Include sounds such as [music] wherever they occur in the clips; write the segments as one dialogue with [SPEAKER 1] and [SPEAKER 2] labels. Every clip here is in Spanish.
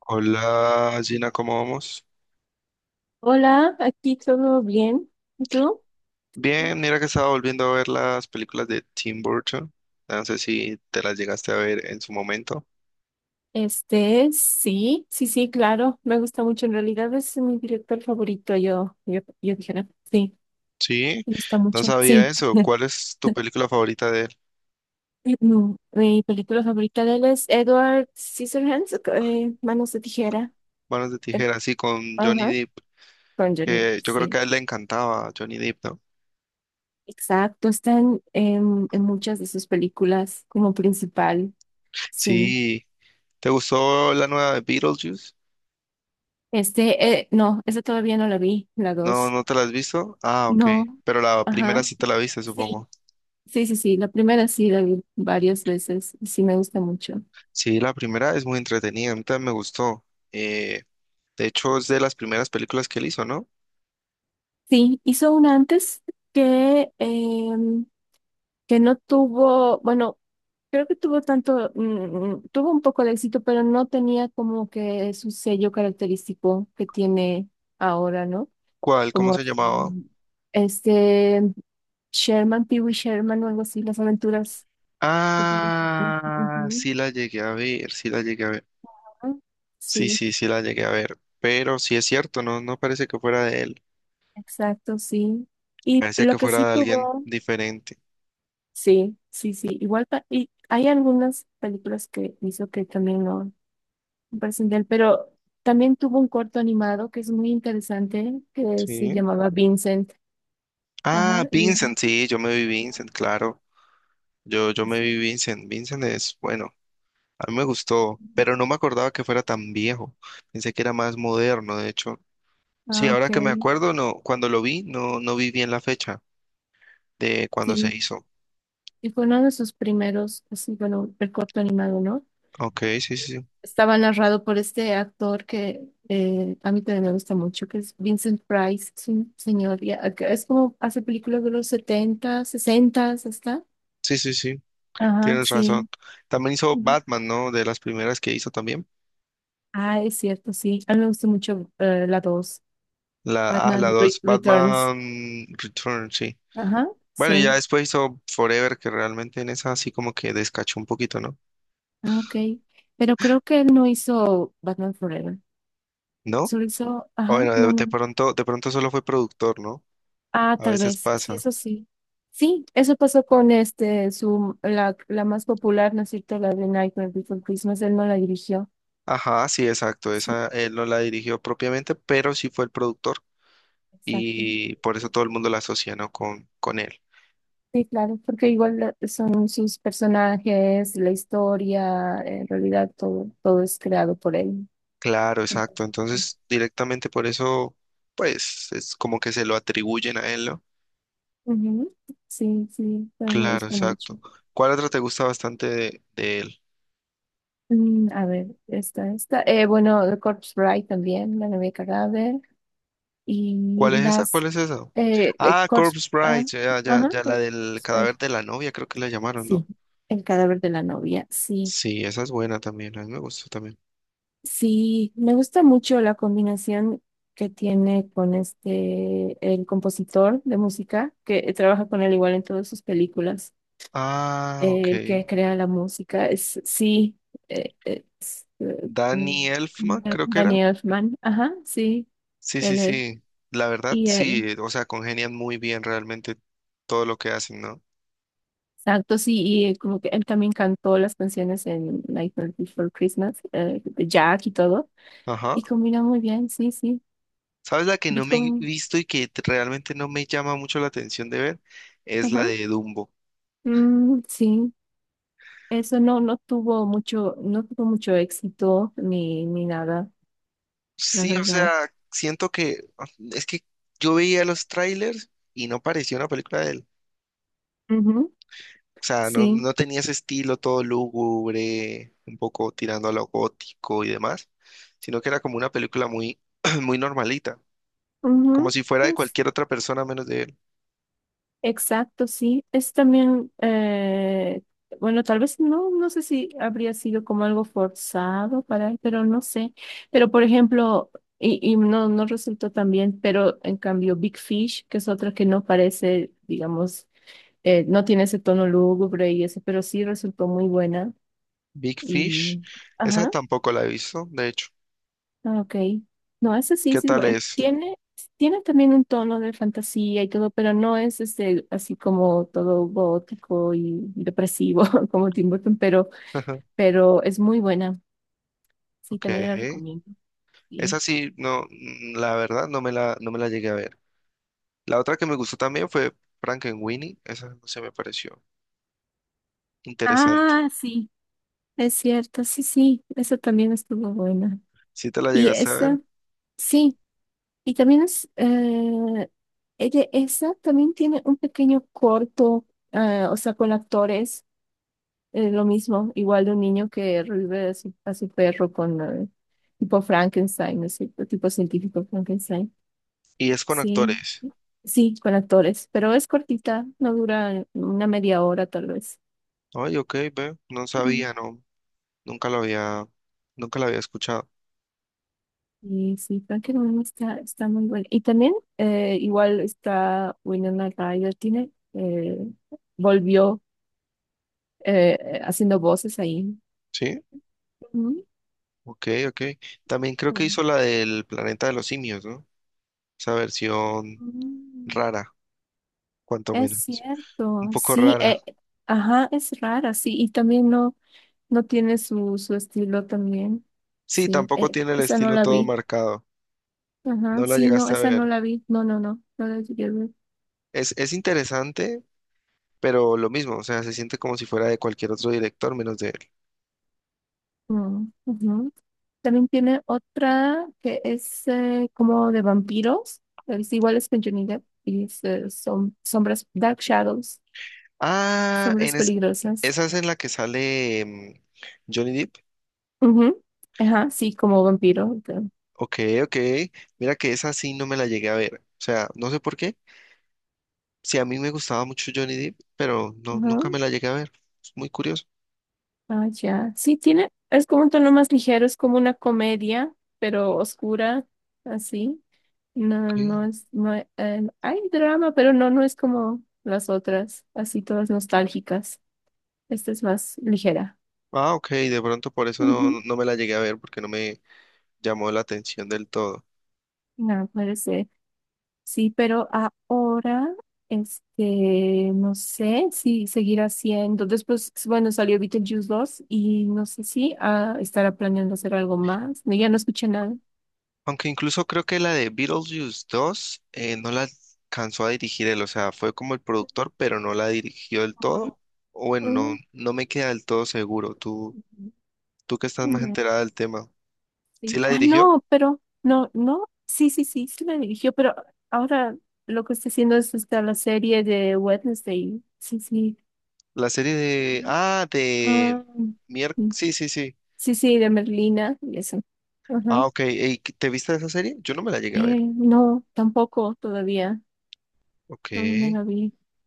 [SPEAKER 1] Hola Gina, ¿cómo vamos?
[SPEAKER 2] Hola, aquí todo bien. ¿Y tú?
[SPEAKER 1] Bien, mira que estaba volviendo a ver las películas de Tim Burton. No sé si te las llegaste a ver en su momento.
[SPEAKER 2] Sí, sí, sí, claro, me gusta mucho. En realidad es mi director favorito, yo dijera, sí,
[SPEAKER 1] Sí,
[SPEAKER 2] me gusta
[SPEAKER 1] no
[SPEAKER 2] mucho,
[SPEAKER 1] sabía
[SPEAKER 2] sí.
[SPEAKER 1] eso.
[SPEAKER 2] [laughs]
[SPEAKER 1] ¿Cuál es tu película favorita de él?
[SPEAKER 2] Mi película favorita de él es Edward Scissorhands, Manos de Tijera.
[SPEAKER 1] Manos de
[SPEAKER 2] El-
[SPEAKER 1] tijera, sí, con Johnny
[SPEAKER 2] Ajá,
[SPEAKER 1] Depp,
[SPEAKER 2] con Johnny Depp,
[SPEAKER 1] que yo creo
[SPEAKER 2] sí.
[SPEAKER 1] que a él le encantaba Johnny Depp, ¿no?
[SPEAKER 2] Exacto, están en muchas de sus películas como principal, sí.
[SPEAKER 1] Sí, ¿te gustó la nueva de Beetlejuice?
[SPEAKER 2] No, esa todavía no la vi, la
[SPEAKER 1] No,
[SPEAKER 2] dos.
[SPEAKER 1] ¿no te la has visto? Ah, ok.
[SPEAKER 2] No,
[SPEAKER 1] Pero la primera
[SPEAKER 2] ajá.
[SPEAKER 1] sí te la viste,
[SPEAKER 2] Sí,
[SPEAKER 1] supongo.
[SPEAKER 2] sí, sí, sí. La primera sí la vi varias veces y sí me gusta mucho.
[SPEAKER 1] Sí, la primera es muy entretenida, a mí también me gustó. Eh, De hecho, es de las primeras películas que él hizo, ¿no?
[SPEAKER 2] Sí, hizo una antes que, em, que no tuvo, bueno, creo que tuvo tanto, tuvo un poco de éxito, pero no tenía como que su sello característico que tiene ahora, ¿no?
[SPEAKER 1] ¿Cuál? ¿Cómo
[SPEAKER 2] Como
[SPEAKER 1] se llamaba?
[SPEAKER 2] así, este Sherman, Pee-wee Sherman o algo así, las aventuras de Pee-wee Sherman.
[SPEAKER 1] Ah,
[SPEAKER 2] Ujú.
[SPEAKER 1] sí la llegué a ver, sí la llegué a ver.
[SPEAKER 2] Ah,
[SPEAKER 1] Sí,
[SPEAKER 2] sí,
[SPEAKER 1] sí, sí la llegué a ver. Pero sí es cierto, no, no parece que fuera de él.
[SPEAKER 2] exacto, sí. Y
[SPEAKER 1] Parece que
[SPEAKER 2] lo que
[SPEAKER 1] fuera
[SPEAKER 2] sí
[SPEAKER 1] de alguien
[SPEAKER 2] tuvo.
[SPEAKER 1] diferente.
[SPEAKER 2] Sí, sí, sí. Igual y hay algunas películas que hizo que también no me parecen de él, pero también tuvo un corto animado que es muy interesante, que se
[SPEAKER 1] Sí.
[SPEAKER 2] llamaba Vincent.
[SPEAKER 1] Ah,
[SPEAKER 2] Ajá. de-
[SPEAKER 1] Vincent, sí, yo me vi Vincent, claro. Yo
[SPEAKER 2] sí,
[SPEAKER 1] me vi
[SPEAKER 2] sí.
[SPEAKER 1] Vincent. Vincent es, bueno, a mí me gustó, pero no me acordaba que fuera tan viejo. Pensé que era más moderno, de hecho. Sí,
[SPEAKER 2] Ah, ok.
[SPEAKER 1] ahora que me acuerdo, no, cuando lo vi, no, no vi bien la fecha de cuando se
[SPEAKER 2] Sí.
[SPEAKER 1] hizo.
[SPEAKER 2] Y fue uno de sus primeros, así, bueno, el corto animado, ¿no?
[SPEAKER 1] Ok, sí, sí,
[SPEAKER 2] Y
[SPEAKER 1] sí,
[SPEAKER 2] estaba narrado por este actor que a mí también me gusta mucho, que es Vincent Price, es un señor, ya, que es como hace películas de los 70, 60, hasta.
[SPEAKER 1] sí, sí, sí,
[SPEAKER 2] Ajá,
[SPEAKER 1] tienes razón.
[SPEAKER 2] sí.
[SPEAKER 1] También hizo
[SPEAKER 2] Ujú.
[SPEAKER 1] Batman, ¿no? De las primeras que hizo también.
[SPEAKER 2] Ah, es cierto, sí. A mí me gustó mucho la 2
[SPEAKER 1] La, ah, la
[SPEAKER 2] Batman
[SPEAKER 1] 2.
[SPEAKER 2] Returns.
[SPEAKER 1] Batman Return, sí.
[SPEAKER 2] Ajá,
[SPEAKER 1] Bueno, y ya
[SPEAKER 2] sí.
[SPEAKER 1] después hizo Forever, que realmente en esa así como que descachó un poquito, ¿no?
[SPEAKER 2] Ah, ok. Pero creo que él no hizo Batman Forever.
[SPEAKER 1] ¿No?
[SPEAKER 2] Solo hizo,
[SPEAKER 1] O
[SPEAKER 2] ajá,
[SPEAKER 1] bueno,
[SPEAKER 2] no,
[SPEAKER 1] de
[SPEAKER 2] no.
[SPEAKER 1] pronto, de pronto solo fue productor, ¿no?
[SPEAKER 2] Ah,
[SPEAKER 1] A
[SPEAKER 2] tal
[SPEAKER 1] veces
[SPEAKER 2] vez, sí,
[SPEAKER 1] pasa.
[SPEAKER 2] eso sí. Sí, eso pasó con la más popular, ¿no es cierto? La de Nightmare Before Christmas, él no la dirigió.
[SPEAKER 1] Ajá, sí, exacto.
[SPEAKER 2] Sí,
[SPEAKER 1] Esa él no la dirigió propiamente, pero sí fue el productor
[SPEAKER 2] exacto.
[SPEAKER 1] y por eso todo el mundo la asocia, ¿no? Con él.
[SPEAKER 2] Sí, claro, porque igual son sus personajes, la historia, en realidad todo es creado por él.
[SPEAKER 1] Claro,
[SPEAKER 2] Entonces,
[SPEAKER 1] exacto.
[SPEAKER 2] eh,
[SPEAKER 1] Entonces, directamente por eso, pues, es como que se lo atribuyen a él, ¿no?
[SPEAKER 2] ujú, sí, sí, pero me
[SPEAKER 1] Claro,
[SPEAKER 2] gusta mucho.
[SPEAKER 1] exacto. ¿Cuál otra te gusta bastante de él?
[SPEAKER 2] A ver, esta, esta. Bueno, The Corpse Bride también, La novia cadáver. Y
[SPEAKER 1] ¿Cuál es esa?
[SPEAKER 2] las.
[SPEAKER 1] ¿Cuál es esa? Ah,
[SPEAKER 2] Corpse.
[SPEAKER 1] Corpse
[SPEAKER 2] Ah,
[SPEAKER 1] Bride, ya, ya,
[SPEAKER 2] ajá,
[SPEAKER 1] ya, la
[SPEAKER 2] Corpse
[SPEAKER 1] del
[SPEAKER 2] Bride.
[SPEAKER 1] cadáver de la novia, creo que la llamaron, ¿no?
[SPEAKER 2] Sí, el cadáver de la novia, sí.
[SPEAKER 1] Sí, esa es buena también, a mí me gustó también.
[SPEAKER 2] Sí, me gusta mucho la combinación que tiene con el compositor de música, que trabaja con él igual en todas sus películas,
[SPEAKER 1] Ah, ok.
[SPEAKER 2] el que crea la música, es, sí, es,
[SPEAKER 1] Danny Elfman, creo que era.
[SPEAKER 2] Daniel Elfman, ajá, sí,
[SPEAKER 1] Sí, sí,
[SPEAKER 2] él,
[SPEAKER 1] sí. La verdad,
[SPEAKER 2] y
[SPEAKER 1] sí,
[SPEAKER 2] él,
[SPEAKER 1] o sea, congenian muy bien realmente todo lo que hacen, ¿no?
[SPEAKER 2] exacto, sí, y como que él también cantó las canciones en Nightmare Before Christmas, de Jack y todo,
[SPEAKER 1] Ajá.
[SPEAKER 2] y combina muy bien, sí, sí,
[SPEAKER 1] ¿Sabes la que
[SPEAKER 2] vi
[SPEAKER 1] no me he
[SPEAKER 2] como,
[SPEAKER 1] visto y que realmente no me llama mucho la atención de ver? Es la
[SPEAKER 2] ajá,
[SPEAKER 1] de Dumbo.
[SPEAKER 2] mm, sí. Eso no, tuvo mucho, no tuvo mucho éxito ni nada, la
[SPEAKER 1] Sí, o
[SPEAKER 2] verdad.
[SPEAKER 1] sea, siento que es que yo veía los trailers y no parecía una película de él.
[SPEAKER 2] Ujú,
[SPEAKER 1] O sea, no,
[SPEAKER 2] sí,
[SPEAKER 1] no tenía ese estilo todo lúgubre, un poco tirando a lo gótico y demás, sino que era como una película muy, [clears throat] muy normalita, como
[SPEAKER 2] ujú,
[SPEAKER 1] si fuera de
[SPEAKER 2] es
[SPEAKER 1] cualquier otra persona menos de él.
[SPEAKER 2] exacto, sí. Es también, bueno, tal vez no, no sé si habría sido como algo forzado para él, pero no sé. Pero por ejemplo, y no resultó tan bien, pero en cambio Big Fish, que es otra que no parece, digamos, no tiene ese tono lúgubre y eso, pero sí resultó muy buena
[SPEAKER 1] Big
[SPEAKER 2] y,
[SPEAKER 1] Fish, esa
[SPEAKER 2] ajá.
[SPEAKER 1] tampoco la he visto, de hecho.
[SPEAKER 2] Ah, ok. No, ese sí,
[SPEAKER 1] ¿Qué
[SPEAKER 2] sí, es
[SPEAKER 1] tal
[SPEAKER 2] bueno,
[SPEAKER 1] es?
[SPEAKER 2] tiene también un tono de fantasía y todo, pero no es así como todo gótico y depresivo [laughs] como Tim Burton, pero,
[SPEAKER 1] [laughs]
[SPEAKER 2] pero es muy buena. Sí,
[SPEAKER 1] Ok.
[SPEAKER 2] también la recomiendo. Sí.
[SPEAKER 1] Esa sí, no, mm, la verdad no me la, no me la llegué a ver. La otra que me gustó también fue Frankenweenie, esa no se me pareció interesante.
[SPEAKER 2] Ah, sí, es cierto, sí, sí, esa también estuvo buena.
[SPEAKER 1] ¿Si te la
[SPEAKER 2] Y
[SPEAKER 1] llegaste a
[SPEAKER 2] esa,
[SPEAKER 1] ver
[SPEAKER 2] sí, y también es, ella, esa también tiene un pequeño corto, o sea, con actores. Es lo mismo, igual de un niño que revive a su perro con tipo Frankenstein, ¿no es cierto? Tipo científico Frankenstein.
[SPEAKER 1] y es con
[SPEAKER 2] Sí,
[SPEAKER 1] actores?
[SPEAKER 2] sí, con actores, pero es cortita, no dura una media hora tal vez.
[SPEAKER 1] Ay, ok, ve, no
[SPEAKER 2] Ujú.
[SPEAKER 1] sabía, no, nunca lo había, nunca la había escuchado.
[SPEAKER 2] Y sí, Frankenstein está muy bueno. Y también igual está Winona Ryder, tiene, volvió haciendo voces ahí.
[SPEAKER 1] Sí,
[SPEAKER 2] Ujú.
[SPEAKER 1] ok, ok. También creo que hizo la del Planeta de los Simios, ¿no? Esa versión
[SPEAKER 2] Mm.
[SPEAKER 1] rara, cuanto
[SPEAKER 2] Es
[SPEAKER 1] menos. Un
[SPEAKER 2] cierto,
[SPEAKER 1] poco
[SPEAKER 2] sí,
[SPEAKER 1] rara.
[SPEAKER 2] ajá, es rara, sí, y también no tiene su estilo también,
[SPEAKER 1] Sí,
[SPEAKER 2] sí,
[SPEAKER 1] tampoco tiene el
[SPEAKER 2] esa no
[SPEAKER 1] estilo
[SPEAKER 2] la
[SPEAKER 1] todo
[SPEAKER 2] vi,
[SPEAKER 1] marcado. No
[SPEAKER 2] ajá,
[SPEAKER 1] la
[SPEAKER 2] sí, no,
[SPEAKER 1] llegaste a
[SPEAKER 2] esa
[SPEAKER 1] ver.
[SPEAKER 2] no la vi, no, no, no, no la llegué a ver,
[SPEAKER 1] Es interesante, pero lo mismo, o sea, se siente como si fuera de cualquier otro director menos de él.
[SPEAKER 2] no, ujú. También tiene otra que es como de vampiros, es igual es con Johnny Depp, y es, son sombras, Dark Shadows,
[SPEAKER 1] Ah,
[SPEAKER 2] sombras
[SPEAKER 1] en es,
[SPEAKER 2] peligrosas,
[SPEAKER 1] esa es en la que sale Johnny Depp.
[SPEAKER 2] ujú, ajá, sí, como vampiro,
[SPEAKER 1] Ok, ok. Mira que esa sí no me la llegué a ver. O sea, no sé por qué. Sí, a mí me gustaba mucho Johnny Depp, pero no,
[SPEAKER 2] ajá,
[SPEAKER 1] nunca me la llegué a ver. Es muy curioso.
[SPEAKER 2] ah, ya. Sí, tiene, es como un tono más ligero, es como una comedia, pero oscura, así. No,
[SPEAKER 1] Ok.
[SPEAKER 2] no es, no, hay drama, pero no es como las otras, así todas nostálgicas. Esta es más ligera.
[SPEAKER 1] Ah, ok, de pronto por eso no,
[SPEAKER 2] Ujú.
[SPEAKER 1] no me la llegué a ver porque no me llamó la atención del todo.
[SPEAKER 2] No, puede ser. Sí, pero ahora, no sé si seguirá siendo. Después, bueno, salió Beetlejuice 2 y no sé si estará planeando hacer algo más. No, ya no escuché nada.
[SPEAKER 1] Aunque incluso creo que la de Beetlejuice 2 no la alcanzó a dirigir él, o sea, fue como el productor, pero no la dirigió del todo. O bueno, no,
[SPEAKER 2] Ujú.
[SPEAKER 1] no me queda del todo seguro. Tú,
[SPEAKER 2] Ujú.
[SPEAKER 1] tú que estás más
[SPEAKER 2] Mm,
[SPEAKER 1] enterada del tema, ¿sí
[SPEAKER 2] sí.
[SPEAKER 1] la
[SPEAKER 2] Ah,
[SPEAKER 1] dirigió?
[SPEAKER 2] no, pero no, no, sí, sí, sí, sí me dirigió, pero ahora lo que está haciendo es esta la serie de Wednesday. Sí, sí.
[SPEAKER 1] La serie de... Ah, de...
[SPEAKER 2] Ah,
[SPEAKER 1] Mier...
[SPEAKER 2] mm,
[SPEAKER 1] Sí, sí, sí.
[SPEAKER 2] sí, sí, de Merlina y eso. Ajá.
[SPEAKER 1] Ah, ok. Ey, ¿te viste esa serie? Yo no me la llegué a
[SPEAKER 2] Eh,
[SPEAKER 1] ver.
[SPEAKER 2] no, tampoco todavía.
[SPEAKER 1] Ok.
[SPEAKER 2] No me la vi.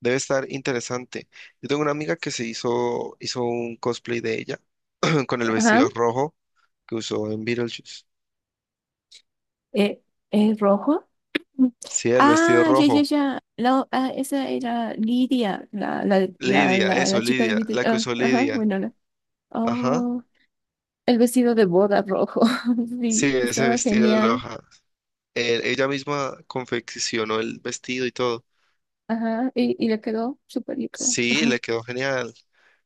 [SPEAKER 1] Debe estar interesante. Yo tengo una amiga que hizo un cosplay de ella [clears throat] con el
[SPEAKER 2] Ajá.
[SPEAKER 1] vestido rojo que usó en Beetlejuice.
[SPEAKER 2] Eh, rojo. Mm.
[SPEAKER 1] Sí, el vestido
[SPEAKER 2] Ah, ya, ya,
[SPEAKER 1] rojo.
[SPEAKER 2] ya. Esa era Lidia, la, la, la,
[SPEAKER 1] Lidia,
[SPEAKER 2] la,
[SPEAKER 1] eso,
[SPEAKER 2] la chica de
[SPEAKER 1] Lidia,
[SPEAKER 2] Lidia.
[SPEAKER 1] la que
[SPEAKER 2] Ah,
[SPEAKER 1] usó
[SPEAKER 2] ajá,
[SPEAKER 1] Lidia.
[SPEAKER 2] bueno, la.
[SPEAKER 1] Ajá.
[SPEAKER 2] Oh. El vestido de boda rojo, [laughs]
[SPEAKER 1] Sí,
[SPEAKER 2] sí,
[SPEAKER 1] ese
[SPEAKER 2] estaba
[SPEAKER 1] vestido de
[SPEAKER 2] genial.
[SPEAKER 1] Loja. Ella misma confeccionó el vestido y todo.
[SPEAKER 2] Ajá, y le quedó súper bien.
[SPEAKER 1] Sí, le quedó genial.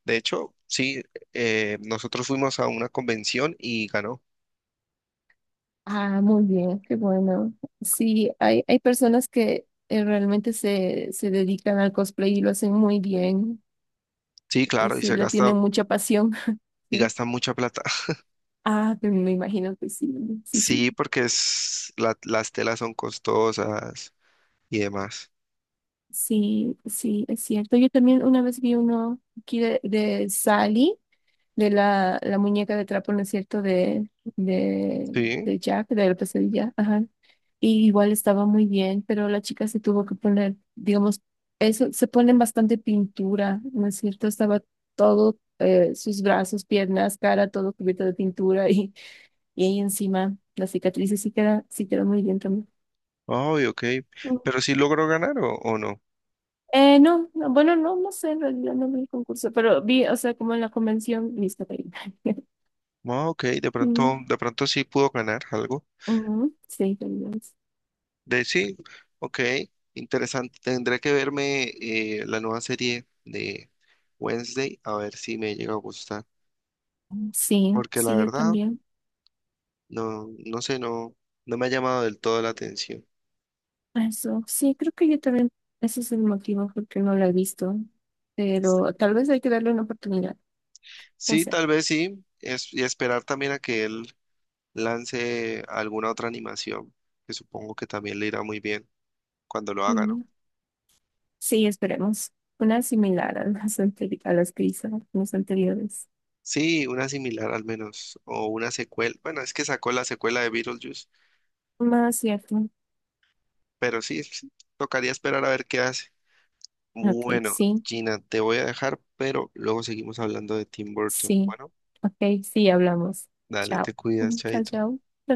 [SPEAKER 1] De hecho, sí, nosotros fuimos a una convención y ganó.
[SPEAKER 2] Ah, muy bien, qué bueno. Sí, hay personas que realmente se dedican al cosplay y lo hacen muy bien.
[SPEAKER 1] Sí,
[SPEAKER 2] eh,
[SPEAKER 1] claro, y
[SPEAKER 2] Sí,
[SPEAKER 1] se
[SPEAKER 2] le
[SPEAKER 1] gasta
[SPEAKER 2] tienen mucha pasión. [laughs]
[SPEAKER 1] y
[SPEAKER 2] Sí.
[SPEAKER 1] gasta mucha plata. [laughs]
[SPEAKER 2] Ah, pero me imagino que sí, sí, sí.
[SPEAKER 1] Sí, porque es, la- las telas son costosas y demás.
[SPEAKER 2] Sí, sí, es cierto. Yo también una vez vi uno aquí de Sally. De la muñeca de trapo, ¿no es cierto? De,
[SPEAKER 1] Sí,
[SPEAKER 2] de Jack, de la pesadilla, ajá. Y igual estaba muy bien, pero la chica se tuvo que poner, digamos, eso, se ponen bastante pintura, ¿no es cierto? Estaba todo, sus brazos, piernas, cara, todo cubierto de pintura y ahí encima las cicatrices sí queda muy bien también.
[SPEAKER 1] ay, ok.
[SPEAKER 2] Mm.
[SPEAKER 1] Pero sí logró ganar o no.
[SPEAKER 2] No, no, bueno, no, no sé, en realidad no vi el concurso, pero vi, o sea, como en la convención, lista [laughs] para ir.
[SPEAKER 1] Ah, ok,
[SPEAKER 2] Mm,
[SPEAKER 1] de pronto sí pudo ganar algo.
[SPEAKER 2] [laughs] ujú, sí, también.
[SPEAKER 1] De sí, ok, interesante. Tendré que verme la nueva serie de Wednesday a ver si me llega a gustar,
[SPEAKER 2] Sí,
[SPEAKER 1] porque la
[SPEAKER 2] sí, yo
[SPEAKER 1] verdad,
[SPEAKER 2] también.
[SPEAKER 1] no, no sé, no, no me ha llamado del todo la atención.
[SPEAKER 2] Eso, sí, creo que yo también, ese es el motivo por qué no la he visto, pero tal vez hay que darle una oportunidad, no
[SPEAKER 1] Sí,
[SPEAKER 2] sé.
[SPEAKER 1] tal vez sí, es, y esperar también a que él lance alguna otra animación, que supongo que también le irá muy bien cuando lo haga, ¿no?
[SPEAKER 2] Mm, sí, esperemos. Una similar a las que hizo las anteriores.
[SPEAKER 1] Sí, una similar al menos, o una secuela. Bueno, es que sacó la secuela de Beetlejuice,
[SPEAKER 2] Más cierto.
[SPEAKER 1] pero sí, sí, tocaría esperar a ver qué hace.
[SPEAKER 2] Ok,
[SPEAKER 1] Bueno,
[SPEAKER 2] sí,
[SPEAKER 1] Gina, te voy a dejar, pero luego seguimos hablando de Tim Burton.
[SPEAKER 2] sí.
[SPEAKER 1] Bueno,
[SPEAKER 2] Ok, sí, hablamos.
[SPEAKER 1] dale,
[SPEAKER 2] Chao.
[SPEAKER 1] te cuidas,
[SPEAKER 2] Mm, chao,
[SPEAKER 1] chaito.
[SPEAKER 2] chao.